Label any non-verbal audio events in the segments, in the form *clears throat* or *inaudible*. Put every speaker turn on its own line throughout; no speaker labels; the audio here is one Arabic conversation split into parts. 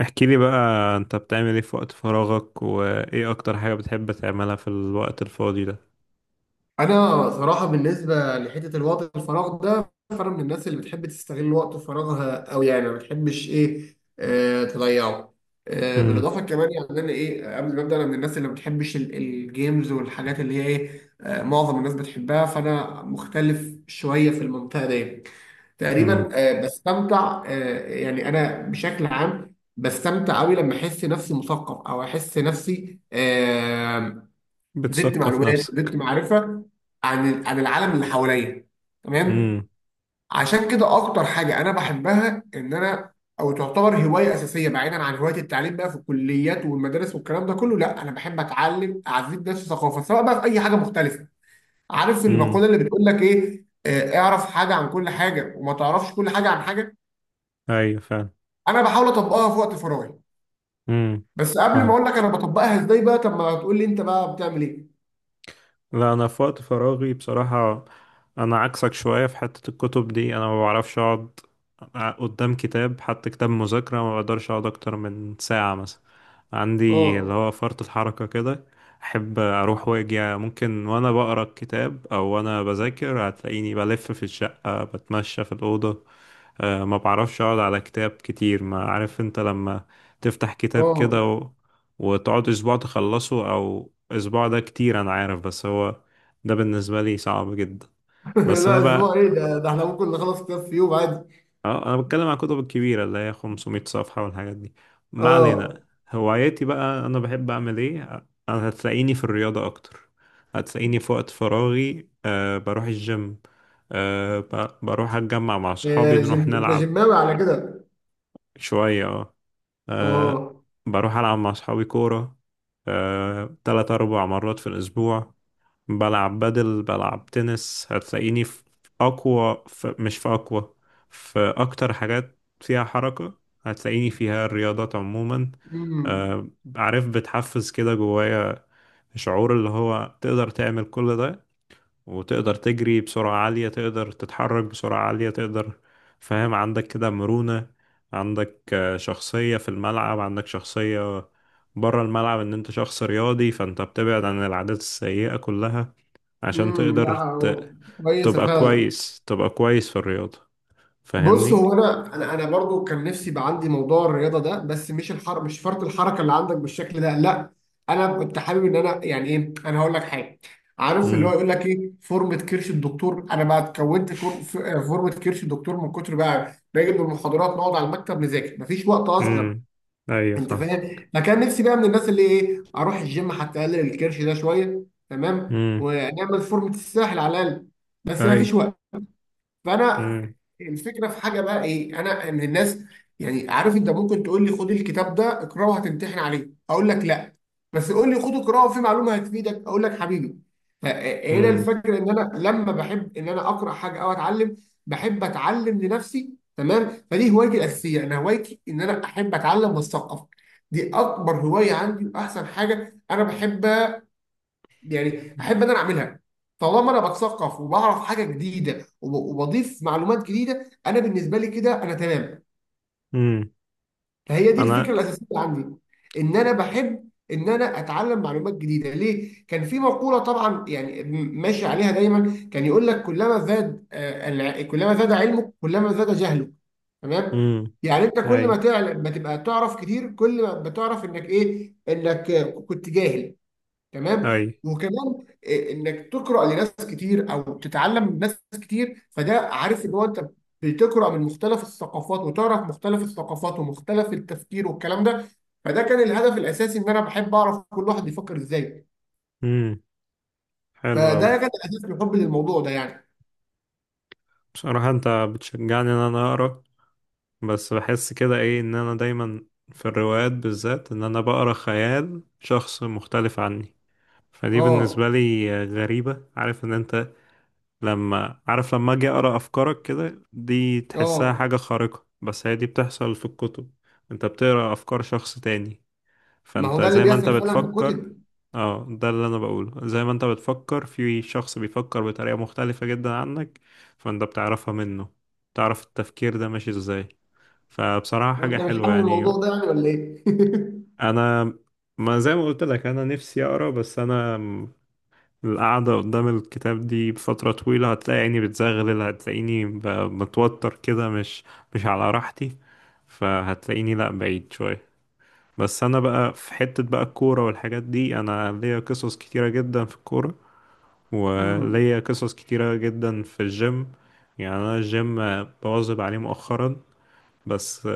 احكي لي بقى. انت بتعمل ايه في وقت فراغك؟ وايه اكتر حاجة بتحب تعملها في الوقت الفاضي ده؟
انا صراحه بالنسبه لحته الوقت الفراغ ده، فانا من الناس اللي بتحب تستغل وقت فراغها، او يعني ما بتحبش ايه آه تضيعه.
امم.
بالاضافه كمان يعني انا قبل ما ابدا، انا من الناس اللي ما بتحبش الجيمز والحاجات اللي هي ايه آه معظم الناس بتحبها، فانا مختلف شويه في المنطقه دي. تقريبا
امم.
بستمتع، يعني انا بشكل عام بستمتع قوي لما احس نفسي مثقف، او احس نفسي زدت
بتثقف
معلومات، زدت
نفسك؟
معرفه عن العالم اللي حواليا. تمام.
امم.
عشان كده اكتر حاجه انا بحبها، ان انا او تعتبر هوايه اساسيه بعيدا عن هوايه التعليم بقى في الكليات والمدارس والكلام ده كله، لا انا بحب اتعلم، اعزز نفسي ثقافه، سواء بقى في اي حاجه مختلفه. عارف
امم.
المقوله اللي بتقول لك ايه آه، اعرف حاجه عن كل حاجه وما تعرفش كل حاجه عن حاجه.
ايوه فعلا.
انا بحاول اطبقها في وقت فراغي.
امم.
بس قبل ما
فاهم.
اقول لك انا بطبقها ازاي بقى، طب ما تقول لي انت بقى بتعمل ايه؟
لا، انا في وقت فراغي بصراحة انا عكسك شوية في حتة الكتب دي. انا ما بعرفش اقعد قدام كتاب، حتى كتاب مذاكرة ما بقدرش اقعد اكتر من ساعة مثلا. عندي
اه.
اللي هو فرط الحركة كده. أحب أروح وأجي، ممكن وأنا بقرأ الكتاب أو وأنا بذاكر هتلاقيني بلف في الشقة، بتمشى في الأوضة. ما بعرفش أقعد على كتاب كتير. ما عارف أنت لما تفتح كتاب كده
اه.
وتقعد أسبوع تخلصه، أو أسبوع ده كتير أنا عارف، بس هو ده بالنسبة لي صعب جدا.
*laughs*
بس
لا
أنا
اسبوع
بقى،
ايه ده احنا ممكن نخلص كتاب في يوم عادي.
اه انا بتكلم عن الكتب الكبيرة اللي هي 500 صفحة والحاجات دي. ما
اه.
علينا. هواياتي بقى، انا بحب اعمل ايه؟ انا هتلاقيني في الرياضة اكتر. هتلاقيني في وقت فراغي، بروح الجيم. بروح اتجمع مع صحابي، نروح
انت
نلعب
جماوي على كده؟
شوية. اه. أه.
اه.
بروح العب مع صحابي كورة، تلات اربع مرات في الاسبوع. بلعب بدل، بلعب تنس. هتلاقيني في أقوى، في مش في أقوى، في أكتر حاجات فيها حركة. هتلاقيني فيها الرياضات عموما.
امم.
آه، عارف، بتحفز كده جوايا شعور اللي هو تقدر تعمل كل ده، وتقدر تجري بسرعة عالية، تقدر تتحرك بسرعة عالية، تقدر. فاهم؟ عندك كده مرونة، عندك شخصية في الملعب، عندك شخصية بره الملعب، ان انت شخص رياضي فانت بتبعد عن العادات السيئة كلها عشان
امم. لا،
تقدر
كويسه
تبقى
فعلا.
كويس. تبقى كويس في الرياضة.
بص،
فاهمني؟
هو انا برضو كان نفسي يبقى عندي موضوع الرياضه ده، بس مش الحر، مش فرط الحركه اللي عندك بالشكل ده، لا. انا كنت حابب ان انا، يعني ايه، انا هقول لك حاجه. عارف اللي هو
امم.
يقول لك ايه، فورمه كرش الدكتور؟ انا بقى اتكونت فورمه كرش الدكتور من كتر بقى باجي من المحاضرات، نقعد على المكتب نذاكر، مفيش وقت اصلا.
امم. ايوه
انت
فاهم.
فاهم، فكان نفسي بقى من الناس اللي ايه، اروح الجيم حتى اقلل الكرش ده شويه، تمام،
امم.
ونعمل فورمه الساحل على الاقل. بس ما فيش
ايوه.
وقت. فانا
امم.
الفكره في حاجه بقى ايه انا، ان الناس، يعني عارف، انت ممكن تقول لي خد الكتاب ده اقراه هتمتحن عليه، اقول لك لا. بس قول لي خد اقراه في معلومه هتفيدك، اقول لك حبيبي. فهنا
امم.
الفكره، ان انا لما بحب ان انا اقرا حاجه او اتعلم، بحب اتعلم لنفسي، تمام. فدي هوايتي الاساسيه، انا هوايتي ان انا احب اتعلم واثقف، دي اكبر هوايه عندي واحسن حاجه انا بحب، يعني احب انا اعملها. طالما انا بتثقف وبعرف حاجه جديده وبضيف معلومات جديده، انا بالنسبه لي كده انا تمام.
امم.
فهي دي
انا.
الفكره الاساسيه عندي، ان انا بحب ان انا اتعلم معلومات جديده. ليه؟ كان في مقوله طبعا يعني ماشي عليها دايما، كان يقول لك، كلما زاد كلما زاد علمك، كلما زاد جهلك، تمام.
امم.
يعني انت كل ما
ايوه.
تعلم، ما تبقى تعرف كتير، كل ما بتعرف انك ايه، انك كنت جاهل، تمام.
ايوه.
وكمان انك تقرا لناس كتير، او تتعلم من ناس كتير، فده عارف اللي هو انت بتقرا من مختلف الثقافات وتعرف مختلف الثقافات ومختلف التفكير والكلام ده. فده كان الهدف الاساسي، ان انا بحب اعرف كل واحد بيفكر ازاي.
امم. حلو أوي.
فده كان اساس حبي للموضوع ده يعني.
بصراحة انت بتشجعني ان انا اقرا. بس بحس كده ايه ان انا دايما في الروايات بالذات ان انا بقرا خيال شخص مختلف عني. فدي
اه.
بالنسبة لي غريبة. عارف ان انت لما، لما اجي اقرا افكارك كده دي تحسها حاجه
اه.
خارقه، بس هي دي بتحصل في الكتب. انت بتقرا افكار شخص تاني،
ما
فانت
هو ده اللي
زي ما انت
بيحصل فعلا في
بتفكر.
الكتب.
اه ده اللي انا بقوله، زي ما انت بتفكر في شخص بيفكر بطريقه مختلفه جدا عنك، فانت بتعرفها منه، تعرف التفكير ده ماشي ازاي. فبصراحه حاجه
وانت مش
حلوه
حابب
يعني.
الموضوع ده يعني ولا ايه؟
انا، ما زي ما قلت لك انا نفسي اقرا، بس انا القعدة قدام الكتاب دي بفترة طويلة هتلاقي عيني بتزغلل، هتلاقيني متوتر كده، مش على راحتي، فهتلاقيني لأ بعيد شوية. بس أنا بقى في حتة بقى الكورة والحاجات دي، أنا ليا قصص كتيرة جدا في الكورة،
*laughs* امم.
وليا قصص كتيرة جدا في الجيم. يعني أنا الجيم بواظب عليه مؤخرا، بس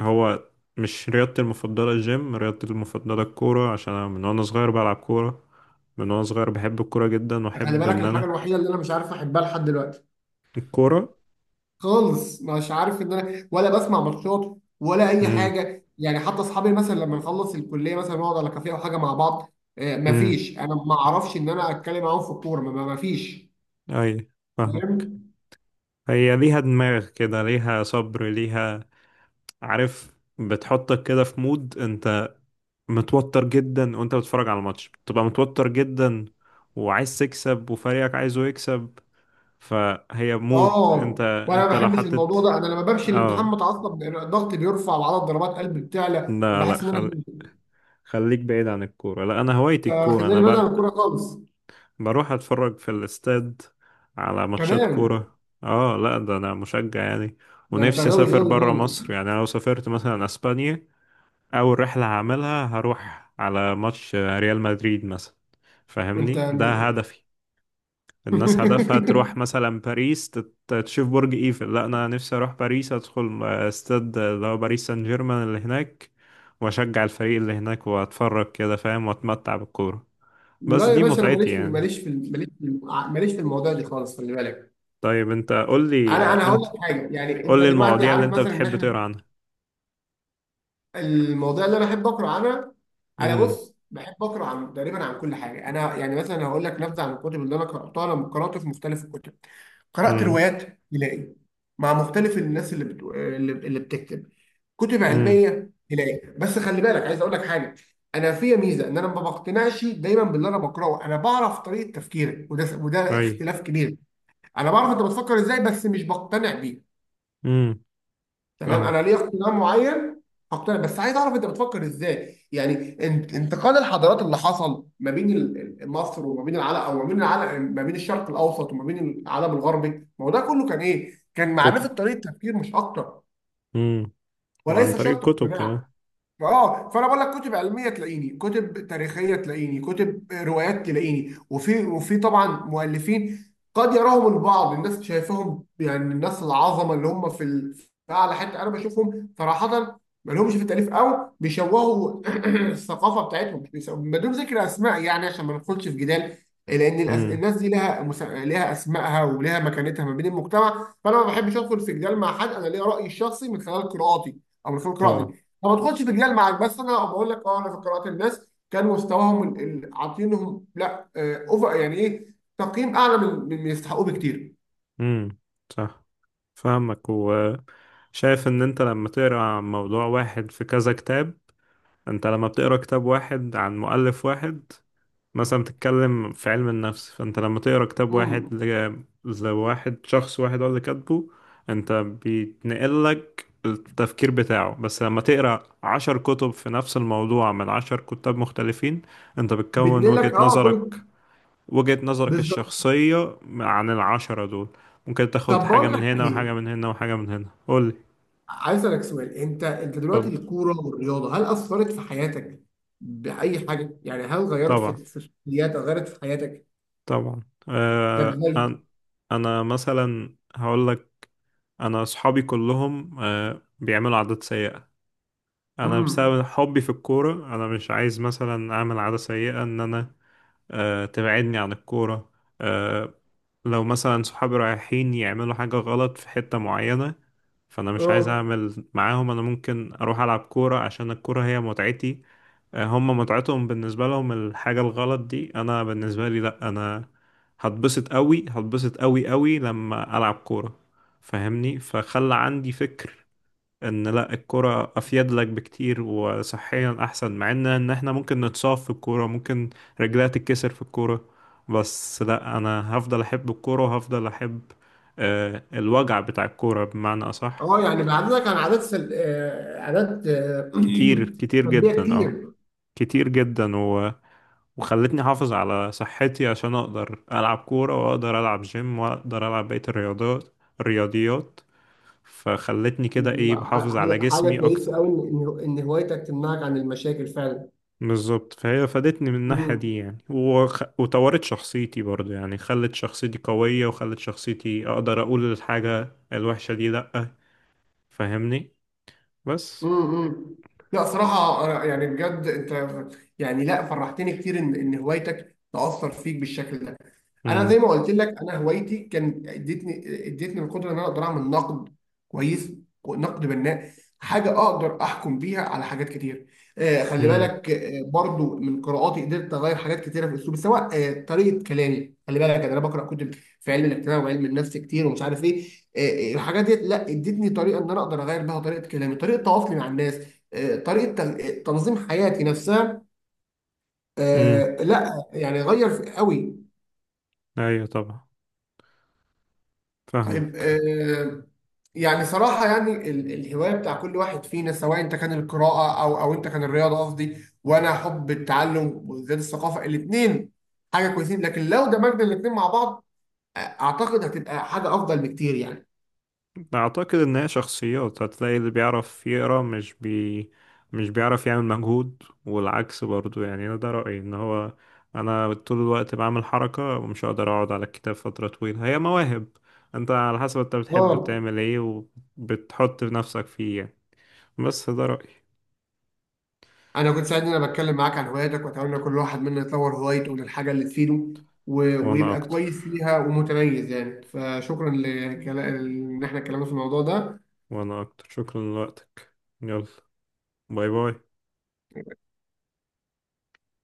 هو مش رياضتي المفضلة. الجيم رياضتي المفضلة الكورة، عشان أنا من وأنا صغير بلعب كورة، من وانا صغير بحب الكورة جدا،
خلي
واحب
بالك،
ان
الحاجه
انا
الوحيده اللي انا مش عارف احبها لحد دلوقتي
الكورة.
خالص، مش عارف ان انا، ولا بسمع ماتشات ولا اي
امم.
حاجه يعني. حتى اصحابي مثلا لما نخلص الكليه مثلا نقعد على كافيه او حاجه مع بعض،
امم.
مفيش، انا ما اعرفش ان انا اتكلم معاهم في الكوره، مفيش.
اي. فاهمك.
فاهم.
هي ليها دماغ كده، ليها صبر، ليها. عارف، بتحطك كده في مود انت متوتر جدا، وانت بتتفرج على الماتش بتبقى متوتر جدا، وعايز تكسب وفريقك عايزه يكسب. فهي مود انت.
اه. وانا ما
انت لو
بحبش
حطيت.
الموضوع ده، انا لما بمشي الامتحان
اه.
متعصب، الضغط بيرفع وعدد ضربات قلبي بتعلى،
لا، لا،
بحس ان انا هموت.
خليك بعيد عن الكورة. لا، انا هوايتي الكورة،
خلاني
انا
بعيد عن الكوره خالص.
بروح اتفرج في الاستاد على ماتشات
كمان،
كورة. اه. لا، ده انا مشجع يعني.
ده انت
ونفسي
غاوي
اسافر
غاوي
برا
خالص
مصر يعني. أنا لو سافرت مثلا اسبانيا، اول رحلة هعملها هروح على ماتش ريال مدريد مثلا.
انت.
فاهمني، ده هدفي. الناس هدفها تروح
*laughs*
مثلا باريس، تشوف برج ايفل. لا، انا نفسي اروح باريس، ادخل استاد اللي هو باريس سان جيرمان اللي هناك، واشجع الفريق اللي هناك، واتفرج كده، فاهم، واتمتع بالكورة. بس
لا يا
دي
باشا، انا
متعتي يعني.
ماليش في المواضيع دي خالص، خلي بالك.
طيب انت قول لي،
انا هقول لك حاجه، يعني انت دلوقتي
المواضيع اللي
عارف
انت
مثلا ان
بتحب
احنا
تقرا عنها.
المواضيع اللي انا بحب اقرا عنها. انا
امم.
بص، بحب اقرا عن تقريبا عن كل حاجه، انا يعني مثلا هقول لك نبذه عن الكتب اللي انا قراتها. انا قرات في مختلف الكتب، قرأت
امم.
روايات هلال مع مختلف الناس اللي اللي بتكتب، كتب
امم.
علمية هلال. بس خلي بالك، عايز أقول لك حاجة. أنا فيا ميزة إن أنا ما بقتنعش دايما باللي أنا بقرأه. أنا بعرف طريقة تفكيرك، وده
اي.
اختلاف كبير، أنا بعرف أنت بتفكر إزاي بس مش بقتنع بيه،
امم.
تمام.
فاهم.
انا ليا اقتناع معين، هقتنع بس عايز اعرف انت بتفكر ازاي، يعني انتقال الحضارات اللي حصل ما بين مصر وما بين العالم، او ما بين العالم، ما بين الشرق الاوسط وما بين العالم الغربي. ما هو ده كله كان ايه؟ كان معرفه
كتب.
طريقه تفكير مش اكتر،
امم. وعن
وليس
طريق
شرط
الكتب كمان.
اقتناع. اه. فانا بقول لك، كتب علميه تلاقيني، كتب تاريخيه تلاقيني، كتب روايات تلاقيني، وفي طبعا مؤلفين قد يراهم البعض، الناس شايفهم يعني، الناس العظمه، اللي هم في في اعلى حته، انا بشوفهم صراحه ما لهمش في التاليف، او بيشوهوا *clears throat* الثقافه بتاعتهم. بدون ذكر اسماء يعني، عشان ما ندخلش في جدال، لان
امم.
الناس دي لها لها اسمائها ولها مكانتها ما بين المجتمع. فانا ما بحبش ادخل في جدال مع حد، انا ليا رايي الشخصي من خلال قراءاتي، او من خلال
طبعا.
قراءتي. ما بدخلش في جدال معاك، بس انا بقول لك، اه انا في قراءات الناس كان مستواهم عاطينهم لا اوفر، يعني ايه، تقييم اعلى من من يستحقوه بكتير.
امم. صح. فاهمك، وشايف ان انت لما تقرا عن موضوع واحد في كذا كتاب، انت لما بتقرا كتاب واحد عن مؤلف واحد، مثلا بتتكلم في علم النفس فانت لما تقرا كتاب واحد
امم.
لواحد، شخص واحد هو اللي كاتبه، انت بيتنقل لك التفكير بتاعه. بس لما تقرا عشر كتب في نفس الموضوع من عشر كتاب مختلفين، انت بتكون
بتنقل لك
وجهة
كل.
نظرك، وجهة نظرك
بالظبط.
الشخصية عن العشرة دول. ممكن تاخد
طب
حاجة
بقول
من
لك
هنا وحاجة
ايه،
من هنا وحاجة من هنا. قولي.
عايز اسالك سؤال، انت دلوقتي
اتفضل.
الكوره والرياضه هل اثرت في حياتك؟ باي حاجه يعني؟ هل غيرت
طبعا.
في شخصياتك، غيرت في حياتك؟
طبعا.
طب
آه،
هل؟
أنا أنا مثلا هقول لك، انا اصحابي كلهم بيعملوا عادات سيئة. انا
امم.
بسبب حبي في الكورة، انا مش عايز مثلا اعمل عادة سيئة ان انا تبعدني عن الكورة. آه، لو مثلا صحابي رايحين يعملوا حاجة غلط في حتة معينة، فانا مش عايز
اه.
اعمل معاهم، انا ممكن اروح العب كورة عشان الكورة هي متعتي. هم متعتهم بالنسبة لهم الحاجة الغلط دي، أنا بالنسبة لي لأ. أنا هتبسط أوي، هتبسط أوي أوي لما ألعب كورة. فاهمني؟ فخلى عندي فكر إن لأ الكورة أفيد لك بكتير، وصحيا أحسن، مع إن إحنا ممكن نتصاب في الكورة، ممكن رجلها تتكسر في الكورة. بس لأ، أنا هفضل أحب الكورة، وهفضل أحب الوجع بتاع الكورة بمعنى أصح.
اه. يعني بعدتك عن عادات
كتير
*clears throat*
كتير
سلبيه
جدا. اه.
كتير.
كتير جدا. وخلتني احافظ على صحتي عشان اقدر العب كورة، واقدر العب جيم، واقدر العب بقية الرياضات، الرياضيات. فخلتني كده، ايه،
لا،
بحافظ على
حاجة
جسمي اكتر.
كويسة أوي، إن إن هوايتك تمنعك عن المشاكل فعلا.
بالظبط، فهي فادتني من الناحية
مم.
دي يعني، وطورت شخصيتي برضو يعني. خلت شخصيتي قوية، وخلت شخصيتي اقدر اقول الحاجة الوحشة دي لأ. فاهمني؟ بس.
مم. مم. لا صراحة أنا، يعني بجد أنت، يعني لا، فرحتني كتير إن هوايتك تأثر فيك بالشكل ده. انا
امم.
زي ما قلت لك، انا هوايتي كان ادتني، ادتني القدره ان انا اقدر اعمل نقد، كويس، نقد بناء، حاجه اقدر احكم بيها على حاجات كتير. خلي
امم.
بالك، برضو من قراءاتي قدرت اغير حاجات كتيره في اسلوبي، سواء طريقه كلامي، خلي بالك، يعني انا بقرا كتب في علم الاجتماع وعلم النفس كتير ومش عارف ايه. الحاجات دي لا، ادتني طريقه ان انا اقدر اغير بيها طريقه كلامي، طريقه تواصلي مع الناس، طريقه تنظيم حياتي نفسها،
امم.
لا يعني غير قوي.
ايوه طبعا.
طيب
فاهمك.
يعني صراحة يعني الهواية بتاع كل واحد فينا، سواء انت كان القراءة، او انت كان الرياضة قصدي، وانا حب التعلم وزيادة الثقافة، الاتنين حاجة كويسين، لكن لو دمجنا الاتنين مع بعض، اعتقد هتبقى حاجة افضل بكتير يعني.
أعتقد إن هي شخصيات، هتلاقي اللي بيعرف يقرا مش بيعرف يعمل مجهود، والعكس برضو يعني. أنا ده رأيي، إن هو أنا طول الوقت بعمل حركة ومش هقدر أقعد على الكتاب فترة طويلة. هي مواهب. أنت على حسب أنت بتحب
اه.
تعمل إيه، وبتحط نفسك فيه يعني. بس ده رأيي.
انا كنت سعيد ان انا بتكلم معاك عن هواياتك، واتمنى كل واحد منا يطور هوايته للحاجة اللي تفيده
وأنا
ويبقى
أكتر.
كويس فيها ومتميز يعني. فشكرا ان احنا اتكلمنا في الموضوع ده.
وأنا أكتر شكرا لوقتك. يلا، باي باي.